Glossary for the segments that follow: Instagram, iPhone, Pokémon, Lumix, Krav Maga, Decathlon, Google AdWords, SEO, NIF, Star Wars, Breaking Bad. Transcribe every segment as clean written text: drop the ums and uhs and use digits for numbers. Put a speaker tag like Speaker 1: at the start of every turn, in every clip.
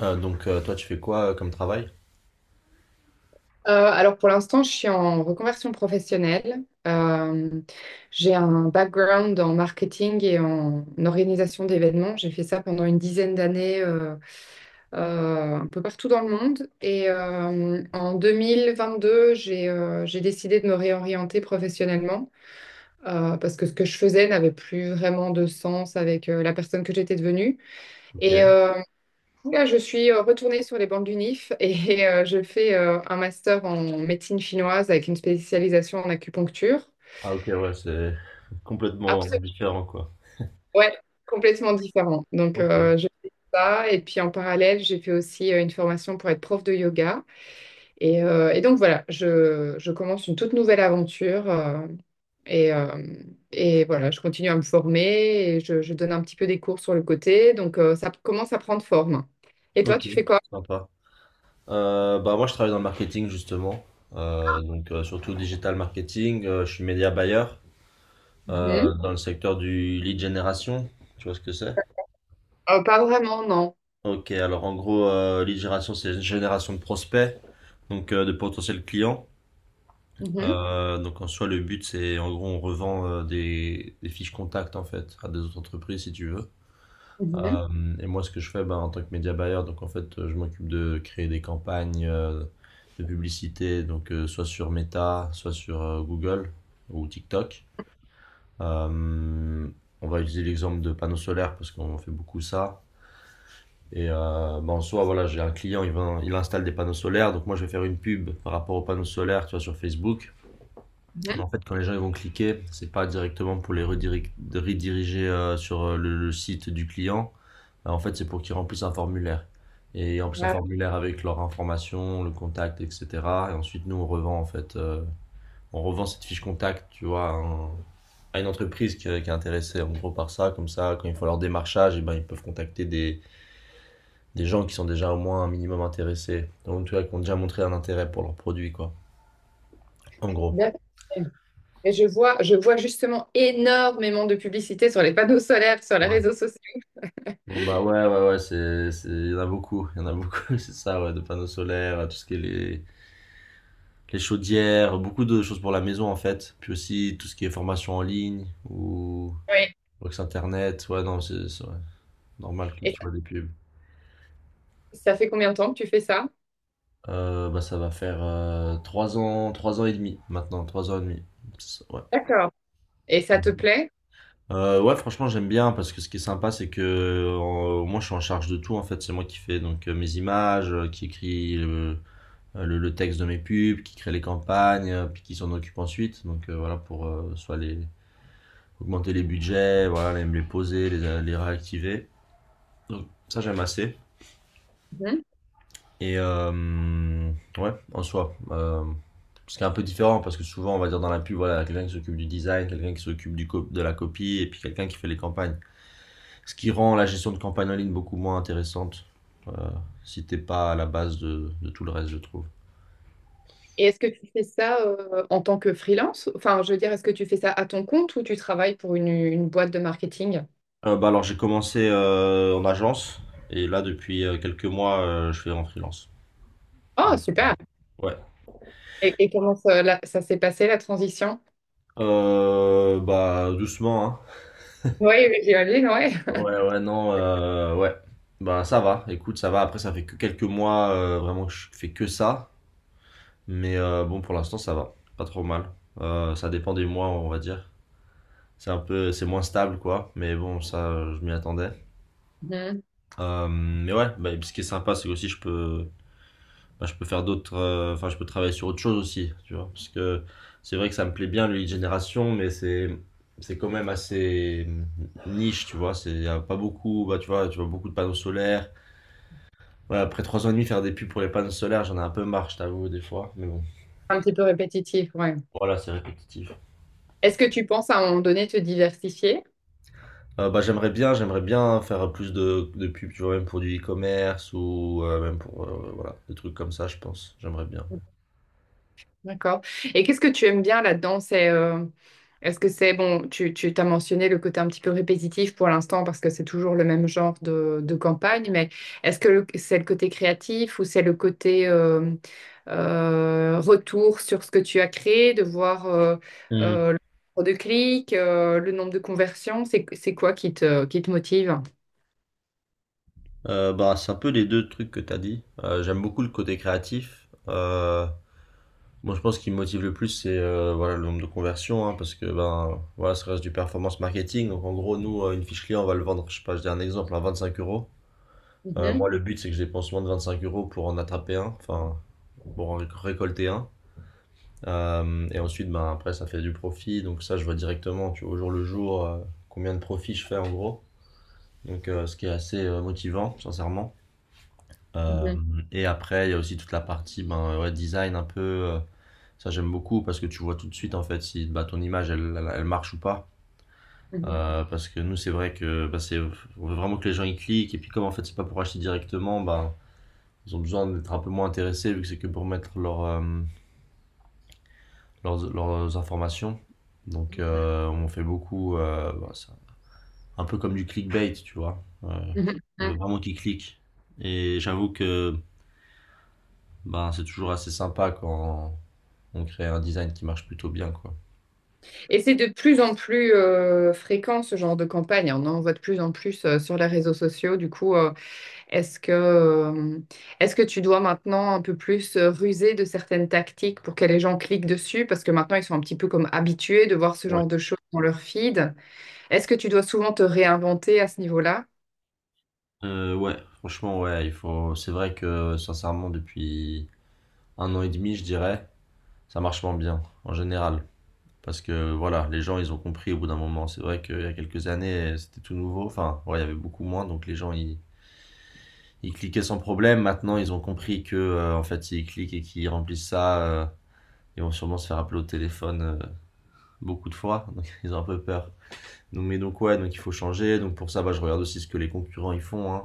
Speaker 1: Ah, donc toi, tu fais quoi comme travail?
Speaker 2: Alors pour l'instant, je suis en reconversion professionnelle. J'ai un background en marketing et en organisation d'événements. J'ai fait ça pendant une dizaine d'années un peu partout dans le monde. Et en 2022, j'ai décidé de me réorienter professionnellement parce que ce que je faisais n'avait plus vraiment de sens avec la personne que j'étais devenue. Et,
Speaker 1: Ok.
Speaker 2: euh, Là, je suis retournée sur les bancs du NIF et je fais un master en médecine chinoise avec une spécialisation en acupuncture.
Speaker 1: Ah ok, ouais, c'est complètement
Speaker 2: Absolument,
Speaker 1: différent, quoi.
Speaker 2: ouais, complètement différent. Donc,
Speaker 1: Ok.
Speaker 2: je fais ça et puis en parallèle, j'ai fait aussi une formation pour être prof de yoga. Et donc, voilà, je commence une toute nouvelle aventure et, euh, et voilà, je continue à me former et je donne un petit peu des cours sur le côté. Donc, ça commence à prendre forme. Et toi,
Speaker 1: Ok,
Speaker 2: tu fais quoi?
Speaker 1: sympa. Bah moi, je travaille dans le marketing, justement. Donc surtout digital marketing. Je suis média buyer
Speaker 2: Mhm.
Speaker 1: dans le secteur du lead generation. Tu vois ce que c'est?
Speaker 2: Pas vraiment, non.
Speaker 1: Ok, alors en gros, lead generation, c'est une génération de prospects, donc de potentiels clients.
Speaker 2: Mhm,
Speaker 1: Donc en soi, le but, c'est en gros, on revend des fiches contacts, en fait, à des autres entreprises, si tu veux.
Speaker 2: mhm,
Speaker 1: Et moi, ce que je fais ben, en tant que média buyer, donc en fait, je m'occupe de créer des campagnes de publicité, donc soit sur Meta, soit sur Google ou TikTok. Euh, on va utiliser l'exemple de panneaux solaires parce qu'on fait beaucoup ça. Et ben, en soi, voilà, j'ai un client, il installe des panneaux solaires, donc moi, je vais faire une pub par rapport aux panneaux solaires, tu vois, sur Facebook. Mais
Speaker 2: mhm.
Speaker 1: en fait, quand les gens ils vont cliquer, c'est pas directement pour les rediri- de rediriger sur le site du client. En fait, c'est pour qu'ils remplissent un formulaire. Et ils remplissent un
Speaker 2: Voilà,
Speaker 1: formulaire avec leur information, le contact, etc. Et ensuite, nous, on revend cette fiche contact, tu vois, à une entreprise qui est intéressée en gros par ça. Comme ça, quand ils font leur démarchage, et ben, ils peuvent contacter des gens qui sont déjà au moins un minimum intéressés. Donc, tu vois, qui ont déjà montré un intérêt pour leur produit, quoi. En gros.
Speaker 2: bien. Et je vois justement énormément de publicité sur les panneaux solaires, sur les réseaux sociaux.
Speaker 1: Bon bah, ouais, ouais, ouais, c'est il y en a beaucoup, il y en a beaucoup, c'est ça, ouais, de panneaux solaires, tout ce qui est les chaudières, beaucoup de choses pour la maison en fait, puis aussi tout ce qui est formation en ligne ou
Speaker 2: Oui.
Speaker 1: box internet. Ouais, non, c'est ouais, normal que
Speaker 2: Et
Speaker 1: tu vois des pubs.
Speaker 2: ça fait combien de temps que tu fais ça?
Speaker 1: Bah ça va faire 3 ans et demi maintenant. 3 ans et demi. Ouais.
Speaker 2: D'accord. Et ça te plaît?
Speaker 1: Ouais, franchement, j'aime bien parce que ce qui est sympa, c'est que moi, je suis en charge de tout en fait. C'est moi qui fais donc mes images, qui écris, le texte de mes pubs, qui crée les campagnes, puis qui s'en occupe ensuite. Donc voilà, pour soit augmenter les budgets, voilà, les poser, les réactiver. Donc ça, j'aime assez.
Speaker 2: Mhm.
Speaker 1: Et ouais, en soi, ce qui est un peu différent, parce que souvent, on va dire dans la pub, voilà, quelqu'un qui s'occupe du design, quelqu'un qui s'occupe de la copie, et puis quelqu'un qui fait les campagnes. Ce qui rend la gestion de campagne en ligne beaucoup moins intéressante, euh, si t'es pas à la base de tout le reste, je trouve.
Speaker 2: Et est-ce que tu fais ça en tant que freelance? Enfin, je veux dire, est-ce que tu fais ça à ton compte ou tu travailles pour une boîte de marketing?
Speaker 1: Bah alors j'ai commencé en agence. Et là depuis quelques mois je fais en freelance.
Speaker 2: Oh,
Speaker 1: Donc,
Speaker 2: super!
Speaker 1: ouais.
Speaker 2: Et comment ça, ça s'est passé, la transition?
Speaker 1: Bah doucement hein.
Speaker 2: Oui, oui, j'imagine, ouais.
Speaker 1: Ouais, ouais, non, ouais. Bah ça va, écoute ça va. Après ça fait que quelques mois vraiment que je fais que ça. Mais bon pour l'instant ça va, pas trop mal. Ça dépend des mois on va dire. C'est un peu C'est moins stable quoi. Mais bon ça je m'y attendais.
Speaker 2: Mhm.
Speaker 1: Mais ouais bah, et puis ce qui est sympa c'est que aussi je peux faire d'autres, enfin, je peux travailler sur autre chose aussi, tu vois, parce que c'est vrai que ça me plaît bien le lead generation, mais c'est quand même assez niche, tu vois, c'est y a pas beaucoup, bah, tu vois beaucoup de panneaux solaires. Ouais, après 3 ans et demi faire des pubs pour les panneaux solaires, j'en ai un peu marre, je t'avoue, des fois, mais bon.
Speaker 2: Un petit peu répétitif, ouais.
Speaker 1: Voilà, c'est répétitif.
Speaker 2: Est-ce que tu penses à un moment donné te diversifier?
Speaker 1: Bah, j'aimerais bien faire plus de pubs, tu vois, même pour du e-commerce ou même pour voilà, des trucs comme ça, je pense. J'aimerais bien.
Speaker 2: D'accord. Et qu'est-ce que tu aimes bien là-dedans? C'est, est-ce que c'est, bon, tu t'as mentionné le côté un petit peu répétitif pour l'instant parce que c'est toujours le même genre de campagne, mais est-ce que c'est le côté créatif ou c'est le côté retour sur ce que tu as créé, de voir
Speaker 1: Mhm.
Speaker 2: le nombre de clics, le nombre de conversions? C'est quoi qui te motive?
Speaker 1: Bah, c'est un peu les deux trucs que tu as dit. J'aime beaucoup le côté créatif. Moi, je pense qu'il me motive le plus, c'est voilà, le nombre de conversions, hein, parce que ben, voilà, ça reste du performance marketing. Donc, en gros, nous, une fiche client, on va le vendre, je sais pas, je dis un exemple, à 25 euros.
Speaker 2: Mhm,
Speaker 1: Moi, le but, c'est que je dépense moins de 25 euros pour en attraper un, enfin, pour en récolter un. Et ensuite, ben, après, ça fait du profit. Donc, ça, je vois directement, tu vois, au jour le jour, combien de profit je fais en gros. Donc, ce qui est assez motivant, sincèrement. Euh,
Speaker 2: mhm,
Speaker 1: et après, il y a aussi toute la partie ben, ouais, design un peu. Ça, j'aime beaucoup parce que tu vois tout de suite en fait si bah, ton image elle marche ou pas.
Speaker 2: mhm,
Speaker 1: Parce que nous, c'est vrai que bah, on veut vraiment que les gens y cliquent. Et puis, comme en fait, c'est pas pour acheter directement, ben ils ont besoin d'être un peu moins intéressés vu que c'est que pour mettre leurs informations. Donc,
Speaker 2: mhm,
Speaker 1: on fait beaucoup. Un peu comme du clickbait, tu vois.
Speaker 2: mhm,
Speaker 1: On veut
Speaker 2: mhm.
Speaker 1: vraiment qu'ils cliquent. Et j'avoue que ben, c'est toujours assez sympa quand on crée un design qui marche plutôt bien, quoi.
Speaker 2: Et c'est de plus en plus fréquent, ce genre de campagne, hein. On en voit de plus en plus sur les réseaux sociaux. Du coup, Est-ce que, euh, est-ce que tu dois maintenant un peu plus ruser de certaines tactiques pour que les gens cliquent dessus? Parce que maintenant, ils sont un petit peu comme habitués de voir ce
Speaker 1: Ouais.
Speaker 2: genre de choses dans leur feed. Est-ce que tu dois souvent te réinventer à ce niveau-là?
Speaker 1: Ouais, franchement, ouais, il faut. C'est vrai que sincèrement, depuis 1 an et demi, je dirais, ça marche moins bien en général. Parce que voilà, les gens, ils ont compris au bout d'un moment. C'est vrai qu'il y a quelques années, c'était tout nouveau. Enfin, ouais, il y avait beaucoup moins, donc les gens, ils cliquaient sans problème. Maintenant, ils ont compris que, en fait, s'ils cliquent et qu'ils remplissent ça, ils vont sûrement se faire appeler au téléphone beaucoup de fois. Donc, ils ont un peu peur. Ouais, donc il faut changer. Donc, pour ça, bah, je regarde aussi ce que les concurrents ils font, hein.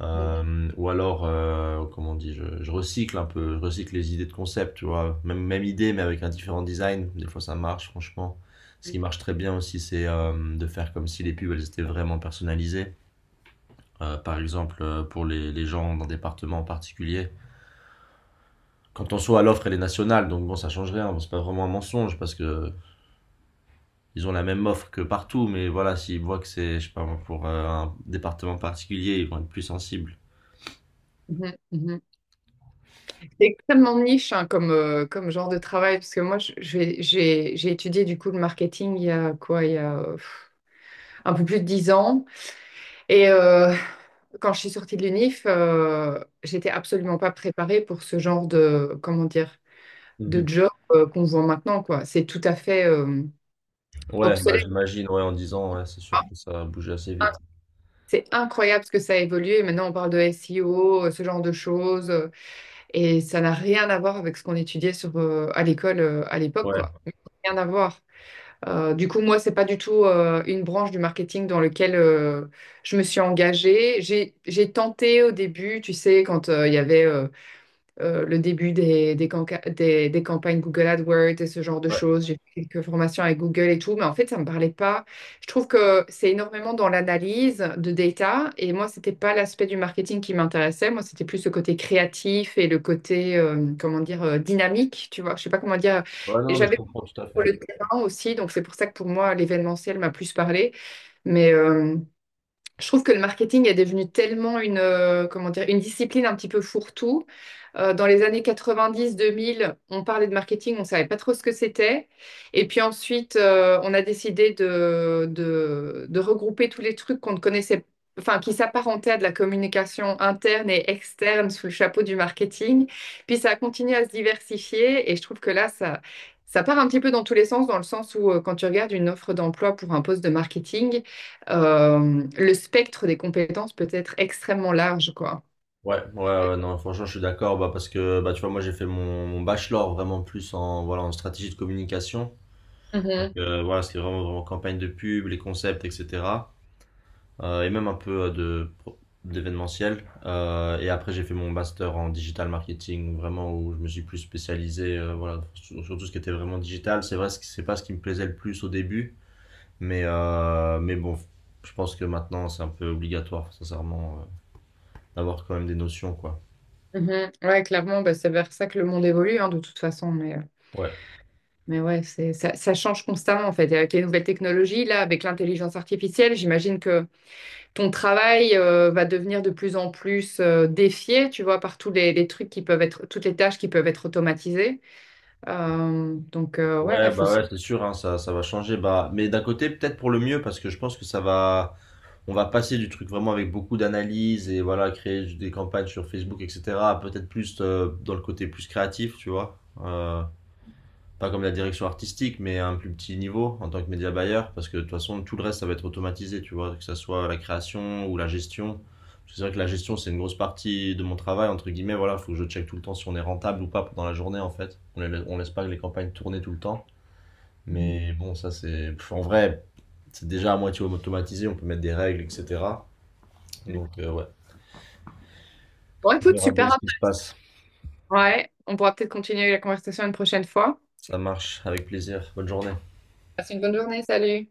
Speaker 1: Ou alors, comment on dit, je recycle les idées de concept, tu vois. Même idée, mais avec un différent design. Des fois, ça marche, franchement. Ce qui
Speaker 2: Mhm.
Speaker 1: marche très bien aussi, c'est de faire comme si les pubs, elles étaient vraiment personnalisées. Par exemple, pour les gens d'un département en particulier. Quand on soit à l'offre, elle est nationale, donc bon, ça change rien. Bon, c'est pas vraiment un mensonge parce que ils ont la même offre que partout, mais voilà, s'ils voient que c'est, je sais pas, moi, pour un département particulier, ils vont être plus sensibles.
Speaker 2: Mhm, mhm. C'est extrêmement niche, hein, comme genre de travail, parce que moi, j'ai étudié du coup le marketing il y a quoi, il y a un peu plus de 10 ans. Et quand je suis sortie de l'UNIF, j'étais absolument pas préparée pour ce genre de, comment dire, de job qu'on voit maintenant, quoi. C'est tout à fait
Speaker 1: Ouais, bah
Speaker 2: obsolète,
Speaker 1: j'imagine, ouais, en 10 ans, ouais, c'est sûr que ça a bougé assez
Speaker 2: hein.
Speaker 1: vite.
Speaker 2: C'est incroyable ce que ça a évolué. Maintenant, on parle de SEO, ce genre de choses, et ça n'a rien à voir avec ce qu'on étudiait à l'école à l'époque,
Speaker 1: Ouais,
Speaker 2: quoi. Rien à voir. Du coup, moi, c'est pas du tout une branche du marketing dans laquelle je me suis engagée. J'ai tenté au début, tu sais, quand il y avait le début des campagnes Google AdWords et ce genre de
Speaker 1: ouais.
Speaker 2: choses. J'ai fait quelques formations avec Google et tout, mais en fait, ça me parlait pas. Je trouve que c'est énormément dans l'analyse de data et moi, c'était pas l'aspect du marketing qui m'intéressait. Moi, c'était plus le côté créatif et le côté, comment dire, dynamique, tu vois. Je sais pas comment dire.
Speaker 1: Ouais,
Speaker 2: Et
Speaker 1: non, mais je
Speaker 2: j'avais
Speaker 1: comprends tout à
Speaker 2: sur
Speaker 1: fait.
Speaker 2: le terrain aussi. Donc, c'est pour ça que pour moi, l'événementiel m'a plus parlé. Mais, je trouve que le marketing est devenu tellement comment dire, une discipline un petit peu fourre-tout. Dans les années 90-2000, on parlait de marketing, on ne savait pas trop ce que c'était. Et puis ensuite, on a décidé de regrouper tous les trucs qu'on ne connaissait, enfin, qui s'apparentaient à de la communication interne et externe sous le chapeau du marketing. Puis ça a continué à se diversifier et je trouve que là, ça part un petit peu dans tous les sens, dans le sens où quand tu regardes une offre d'emploi pour un poste de marketing, le spectre des compétences peut être extrêmement large, quoi.
Speaker 1: Ouais, ouais, ouais, non, franchement, je suis d'accord, bah, parce que, bah, tu vois, moi, j'ai fait mon bachelor vraiment plus en, voilà, en stratégie de communication. Donc,
Speaker 2: Mhm,
Speaker 1: voilà, c'était vraiment, vraiment campagne de pub, les concepts, etc. Et même un peu d'événementiel. Et après, j'ai fait mon master en digital marketing, vraiment, où je me suis plus spécialisé, voilà, sur tout ce qui était vraiment digital. C'est vrai, c'est pas ce qui me plaisait le plus au début. Mais bon, je pense que maintenant, c'est un peu obligatoire, sincèrement, d'avoir quand même des notions, quoi.
Speaker 2: mhm. Ouais, clairement, bah, c'est vers ça que le monde évolue, hein, de toute façon.
Speaker 1: Ouais.
Speaker 2: Mais ouais, ça, ça change constamment, en fait. Et avec les nouvelles technologies, là, avec l'intelligence artificielle, j'imagine que ton travail, va devenir de plus en plus, défié, tu vois, par tous les trucs qui peuvent toutes les tâches qui peuvent être automatisées. Donc, ouais, il
Speaker 1: Ouais,
Speaker 2: faut
Speaker 1: bah
Speaker 2: se.
Speaker 1: ouais, c'est sûr, hein, ça va changer. Bah, mais d'un côté, peut-être pour le mieux, parce que je pense que ça va, on va passer du truc vraiment avec beaucoup d'analyse et voilà, créer des campagnes sur Facebook, etc. à peut-être plus dans le côté plus créatif, tu vois. Euh, Pas comme la direction artistique, mais à un plus petit niveau en tant que média buyer, parce que de toute façon, tout le reste, ça va être automatisé, tu vois, que ce soit la création ou la gestion. C'est vrai que la gestion, c'est une grosse partie de mon travail, entre guillemets. Voilà, il faut que je check tout le temps si on est rentable ou pas pendant la journée, en fait. On, les, laisse pas les campagnes tourner tout le temps.
Speaker 2: Mhm.
Speaker 1: Mais bon, ça, c'est. En vrai, c'est déjà à moitié automatisé, on peut mettre des règles, etc. Donc, ouais.
Speaker 2: Bon,
Speaker 1: On
Speaker 2: écoute,
Speaker 1: verra bien
Speaker 2: super.
Speaker 1: ce qui se passe.
Speaker 2: Ouais, on pourra peut-être continuer la conversation une prochaine fois.
Speaker 1: Ça marche, avec plaisir. Bonne journée.
Speaker 2: Passe une bonne journée, salut.